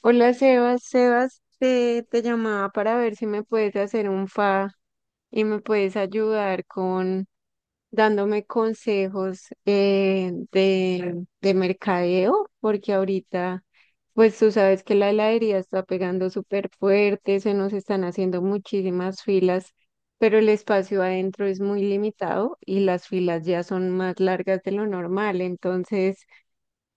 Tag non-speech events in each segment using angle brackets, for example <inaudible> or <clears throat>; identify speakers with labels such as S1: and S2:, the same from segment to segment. S1: Hola Sebas, Sebas, te llamaba para ver si me puedes hacer un fa y me puedes ayudar con dándome consejos de mercadeo, porque ahorita, pues tú sabes que la heladería está pegando súper fuerte, se nos están haciendo muchísimas filas, pero el espacio adentro es muy limitado y las filas ya son más largas de lo normal, entonces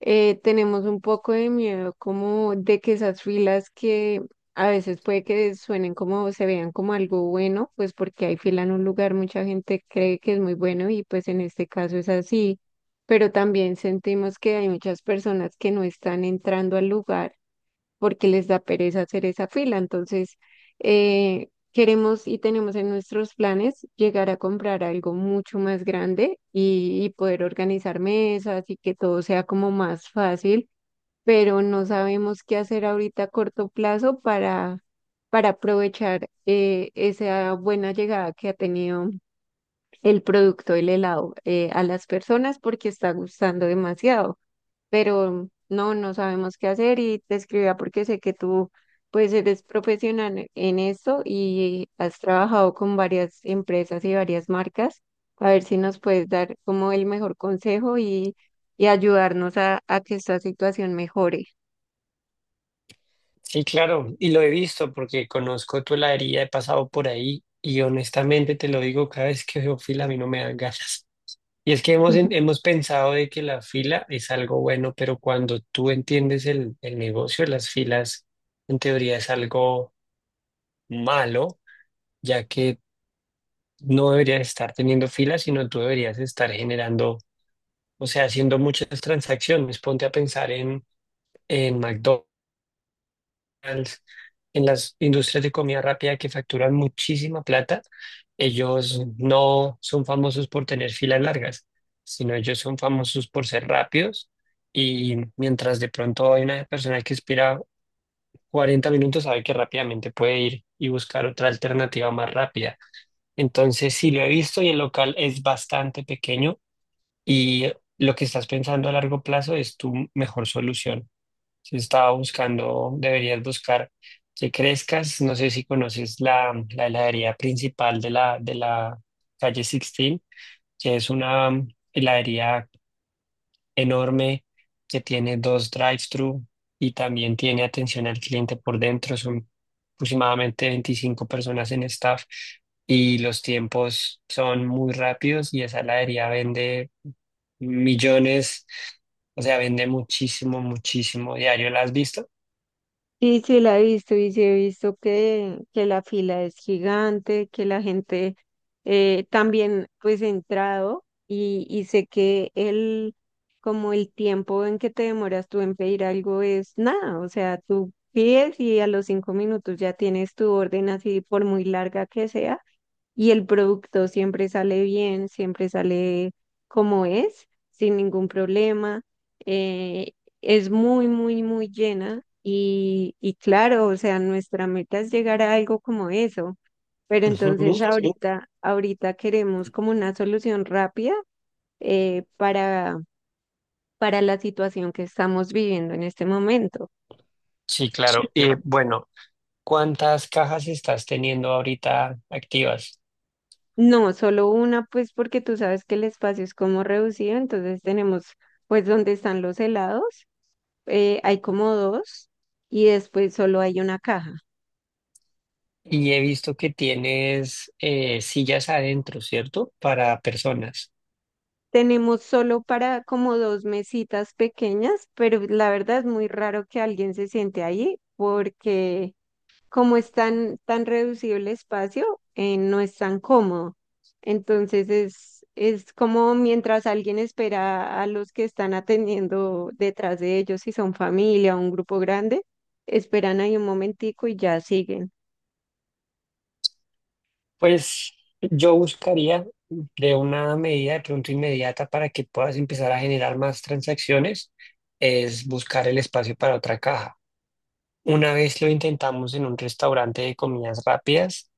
S1: tenemos un poco de miedo como de que esas filas que a veces puede que suenen como, se vean como algo bueno, pues porque hay fila en un lugar, mucha gente cree que es muy bueno y pues en este caso es así, pero también sentimos que hay muchas personas que no están entrando al lugar porque les da pereza hacer esa fila. Entonces, queremos y tenemos en nuestros planes llegar a comprar algo mucho más grande y poder organizar mesas y que todo sea como más fácil, pero no sabemos qué hacer ahorita a corto plazo para aprovechar esa buena llegada que ha tenido el producto, el helado, a las personas porque está gustando demasiado pero no sabemos qué hacer y te escribía porque sé que tú pues eres profesional en esto y has trabajado con varias empresas y varias marcas, a ver si nos puedes dar como el mejor consejo y ayudarnos a que esta situación mejore.
S2: Sí, claro, y lo he visto porque conozco tu heladería, he pasado por ahí y honestamente te lo digo, cada vez que veo fila a mí no me dan ganas. Y es que hemos, en-
S1: <laughs>
S2: hemos pensado de que la fila es algo bueno, pero cuando tú entiendes el negocio de las filas, en teoría es algo malo, ya que no deberías estar teniendo filas, sino tú deberías estar generando, o sea, haciendo muchas transacciones. Ponte a pensar en McDonald's en las industrias de comida rápida que facturan muchísima plata, ellos no son famosos por tener filas largas, sino ellos son famosos por ser rápidos y mientras de pronto hay una persona que espera 40 minutos, sabe que rápidamente puede ir y buscar otra alternativa más rápida. Entonces, sí lo he visto y el local es bastante pequeño y lo que estás pensando a largo plazo es tu mejor solución. Si estaba buscando, deberías buscar que crezcas. No sé si conoces la heladería principal de la calle 16, que es una heladería enorme que tiene dos drive-thru y también tiene atención al cliente por dentro. Son aproximadamente 25 personas en staff y los tiempos son muy rápidos y esa heladería vende millones, o sea, vende muchísimo, muchísimo diario. ¿La has visto?
S1: Sí, sí, la he visto y sí he visto que la fila es gigante, que la gente también pues he entrado y sé que como el tiempo en que te demoras tú en pedir algo es nada, o sea, tú pides y a los cinco minutos ya tienes tu orden así por muy larga que sea y el producto siempre sale bien, siempre sale como es, sin ningún problema. eh, es muy llena y claro, o sea, nuestra meta es llegar a algo como eso, pero entonces Ujú.
S2: <laughs>
S1: Ahorita queremos como una solución rápida eh, para, para la situación que estamos viviendo en este momento.
S2: Sí, claro.
S1: Claro.
S2: Bueno, ¿cuántas cajas estás teniendo ahorita activas?
S1: No, solo una, pues porque tú sabes que el espacio es como reducido, entonces tenemos pues donde están los helados, hay como dos y después solo hay una caja.
S2: Y he visto que tienes sillas adentro, ¿cierto? Para personas.
S1: Tenemos solo para como dos mesitas pequeñas, pero la verdad es muy raro que alguien se siente ahí porque como es tan reducido el espacio, no es tan cómodo. Entonces es como mientras alguien espera a los que están atendiendo detrás de ellos, si son familia o un grupo grande, esperan ahí un momentico y ya siguen.
S2: Pues yo buscaría de una medida de pronto inmediata para que puedas empezar a generar más transacciones, es buscar el espacio para otra caja. Una vez lo intentamos en un restaurante de comidas rápidas.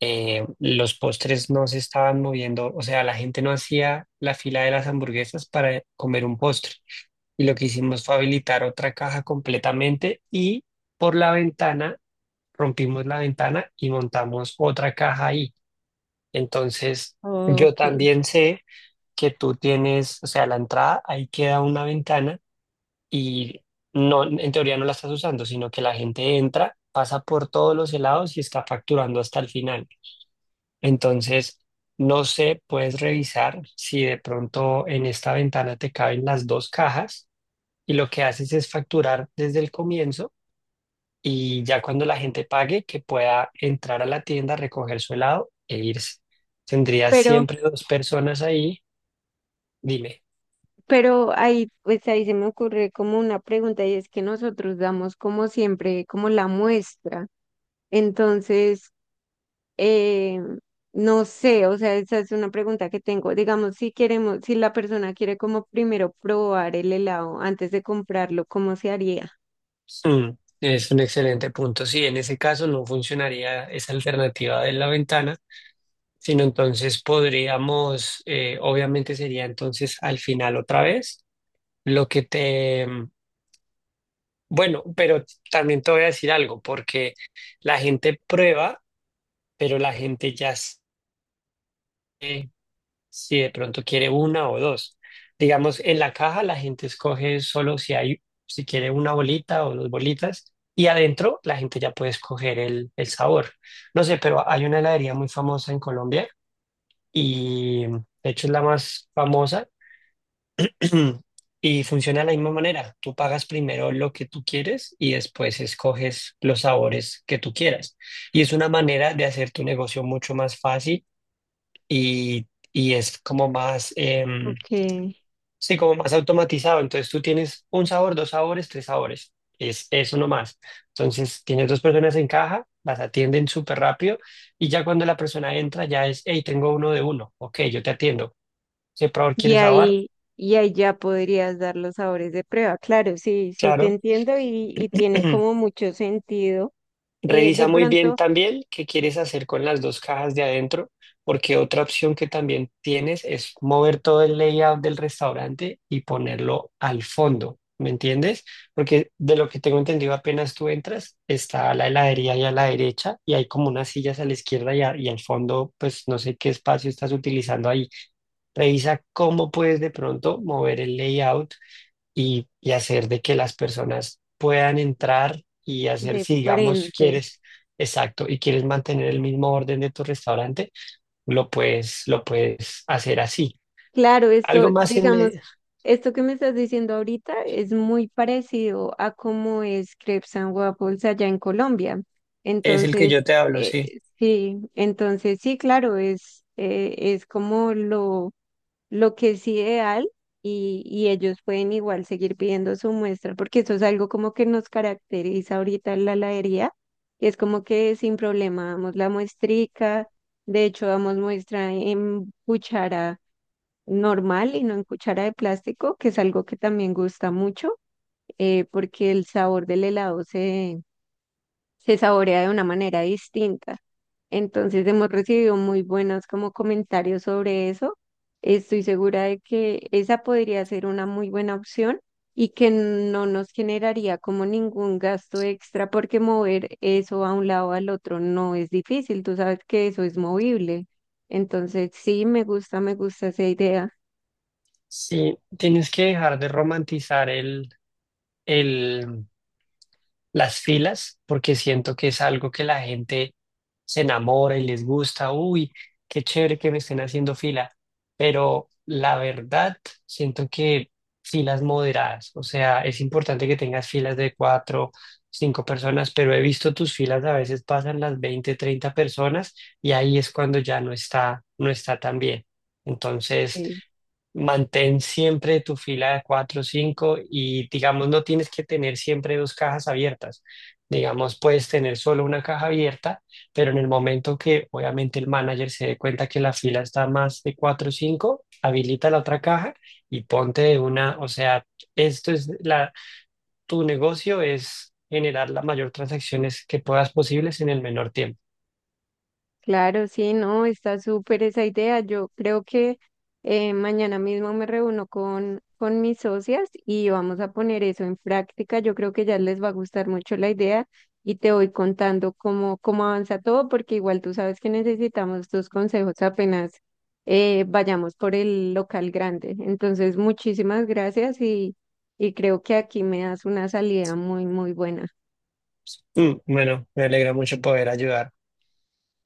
S2: Los postres no se estaban moviendo, o sea, la gente no hacía la fila de las hamburguesas para comer un postre. Y lo que hicimos fue habilitar otra caja completamente y por la ventana, rompimos la ventana y montamos otra caja ahí. Entonces, yo
S1: Ok.
S2: también sé que tú tienes, o sea, la entrada, ahí queda una ventana y no, en teoría no la estás usando, sino que la gente entra, pasa por todos los helados y está facturando hasta el final. Entonces, no sé, puedes revisar si de pronto en esta ventana te caben las dos cajas y lo que haces es facturar desde el comienzo y ya cuando la gente pague, que pueda entrar a la tienda, recoger su helado e irse. Tendrías
S1: Pero
S2: siempre dos personas ahí. Dime.
S1: Pero ahí, pues ahí se me ocurre como una pregunta y es que nosotros damos como siempre, como la muestra. Entonces, eh, no sé, o sea, esa es una pregunta que tengo. Digamos, si la persona quiere como primero probar el helado antes de comprarlo, ¿cómo se haría?
S2: Mm, es un excelente punto. Sí, en ese caso no funcionaría esa alternativa de la ventana, sino entonces podríamos, obviamente sería entonces al final otra vez. Lo que te... bueno, pero también te voy a decir algo, porque la gente prueba, pero la gente ya sabe si de pronto quiere una o dos. Digamos, en la caja la gente escoge solo si hay, si quiere una bolita o dos bolitas, y adentro la gente ya puede escoger el sabor. No sé, pero hay una heladería muy famosa en Colombia y de hecho es la más famosa. <clears throat> Y funciona de la misma manera. Tú pagas primero lo que tú quieres y después escoges los sabores que tú quieras. Y es una manera de hacer tu negocio mucho más fácil y es como más,
S1: Ok.
S2: sí, como más automatizado. Entonces tú tienes un sabor, dos sabores, tres sabores. Es uno más. Entonces tienes dos personas en caja, las atienden súper rápido y ya cuando la persona entra ya es, hey, tengo uno de uno. Ok, yo te atiendo. ¿Qué sabor
S1: Y
S2: quieres sabor?
S1: ahí, y ahí ya podrías dar los sabores de prueba. Claro, sí, sí te
S2: Claro.
S1: entiendo y tiene como
S2: <clears throat>
S1: mucho sentido.
S2: Revisa
S1: De
S2: muy bien
S1: pronto,
S2: también qué quieres hacer con las dos cajas de adentro, porque otra opción que también tienes es mover todo el layout del restaurante y ponerlo al fondo, ¿me entiendes? Porque de lo que tengo entendido, apenas tú entras, está la heladería ahí a la derecha y hay como unas sillas a la izquierda y, y al fondo, pues no sé qué espacio estás utilizando ahí. Revisa cómo puedes de pronto mover el layout y hacer de que las personas puedan entrar y hacer,
S1: de
S2: si digamos
S1: frente.
S2: quieres, exacto, y quieres mantener el mismo orden de tu restaurante, lo puedes hacer así.
S1: Claro, esto,
S2: Algo más en
S1: digamos,
S2: me-
S1: esto que me estás diciendo ahorita es muy parecido a cómo es Crepes and Waffles allá en Colombia.
S2: Es el que yo
S1: Entonces,
S2: te hablo,
S1: eh,
S2: sí.
S1: sí, claro, es como lo que es ideal y ellos pueden igual seguir pidiendo su muestra, porque eso es algo como que nos caracteriza ahorita en la heladería, y es como que sin problema damos la muestrica, de hecho damos muestra en cuchara normal y no en cuchara de plástico, que es algo que también gusta mucho, porque el sabor del helado se saborea de una manera distinta. Entonces hemos recibido muy buenos como comentarios sobre eso. Estoy segura de que esa podría ser una muy buena opción y que no nos generaría como ningún gasto extra porque mover eso a un lado al otro no es difícil. Tú sabes que eso es movible. Entonces sí, me gusta esa idea.
S2: Sí, tienes que dejar de romantizar el, las filas, porque siento que es algo que la gente se enamora y les gusta. Uy, qué chévere que me estén haciendo fila. Pero la verdad, siento que filas moderadas, o sea, es importante que tengas filas de cuatro, cinco personas, pero he visto tus filas a veces pasan las 20-30 personas y ahí es cuando ya no está tan bien. Entonces,
S1: Eh,
S2: mantén siempre tu fila de 4 o 5 y digamos no tienes que tener siempre dos cajas abiertas. Digamos, puedes tener solo una caja abierta, pero en el momento que obviamente el manager se dé cuenta que la fila está más de 4 o 5, habilita la otra caja y ponte de una, o sea, esto es tu negocio es generar las mayor transacciones que puedas posibles en el menor tiempo.
S1: Claro, sí, no, está súper esa idea. Yo creo que mañana mismo me reúno con mis socias y vamos a poner eso en práctica. Yo creo que ya les va a gustar mucho la idea y te voy contando cómo avanza todo, porque igual tú sabes que necesitamos tus consejos apenas vayamos por el local grande. Entonces, muchísimas gracias y creo que aquí me das una salida muy buena.
S2: Mm, bueno, me alegra mucho poder ayudar.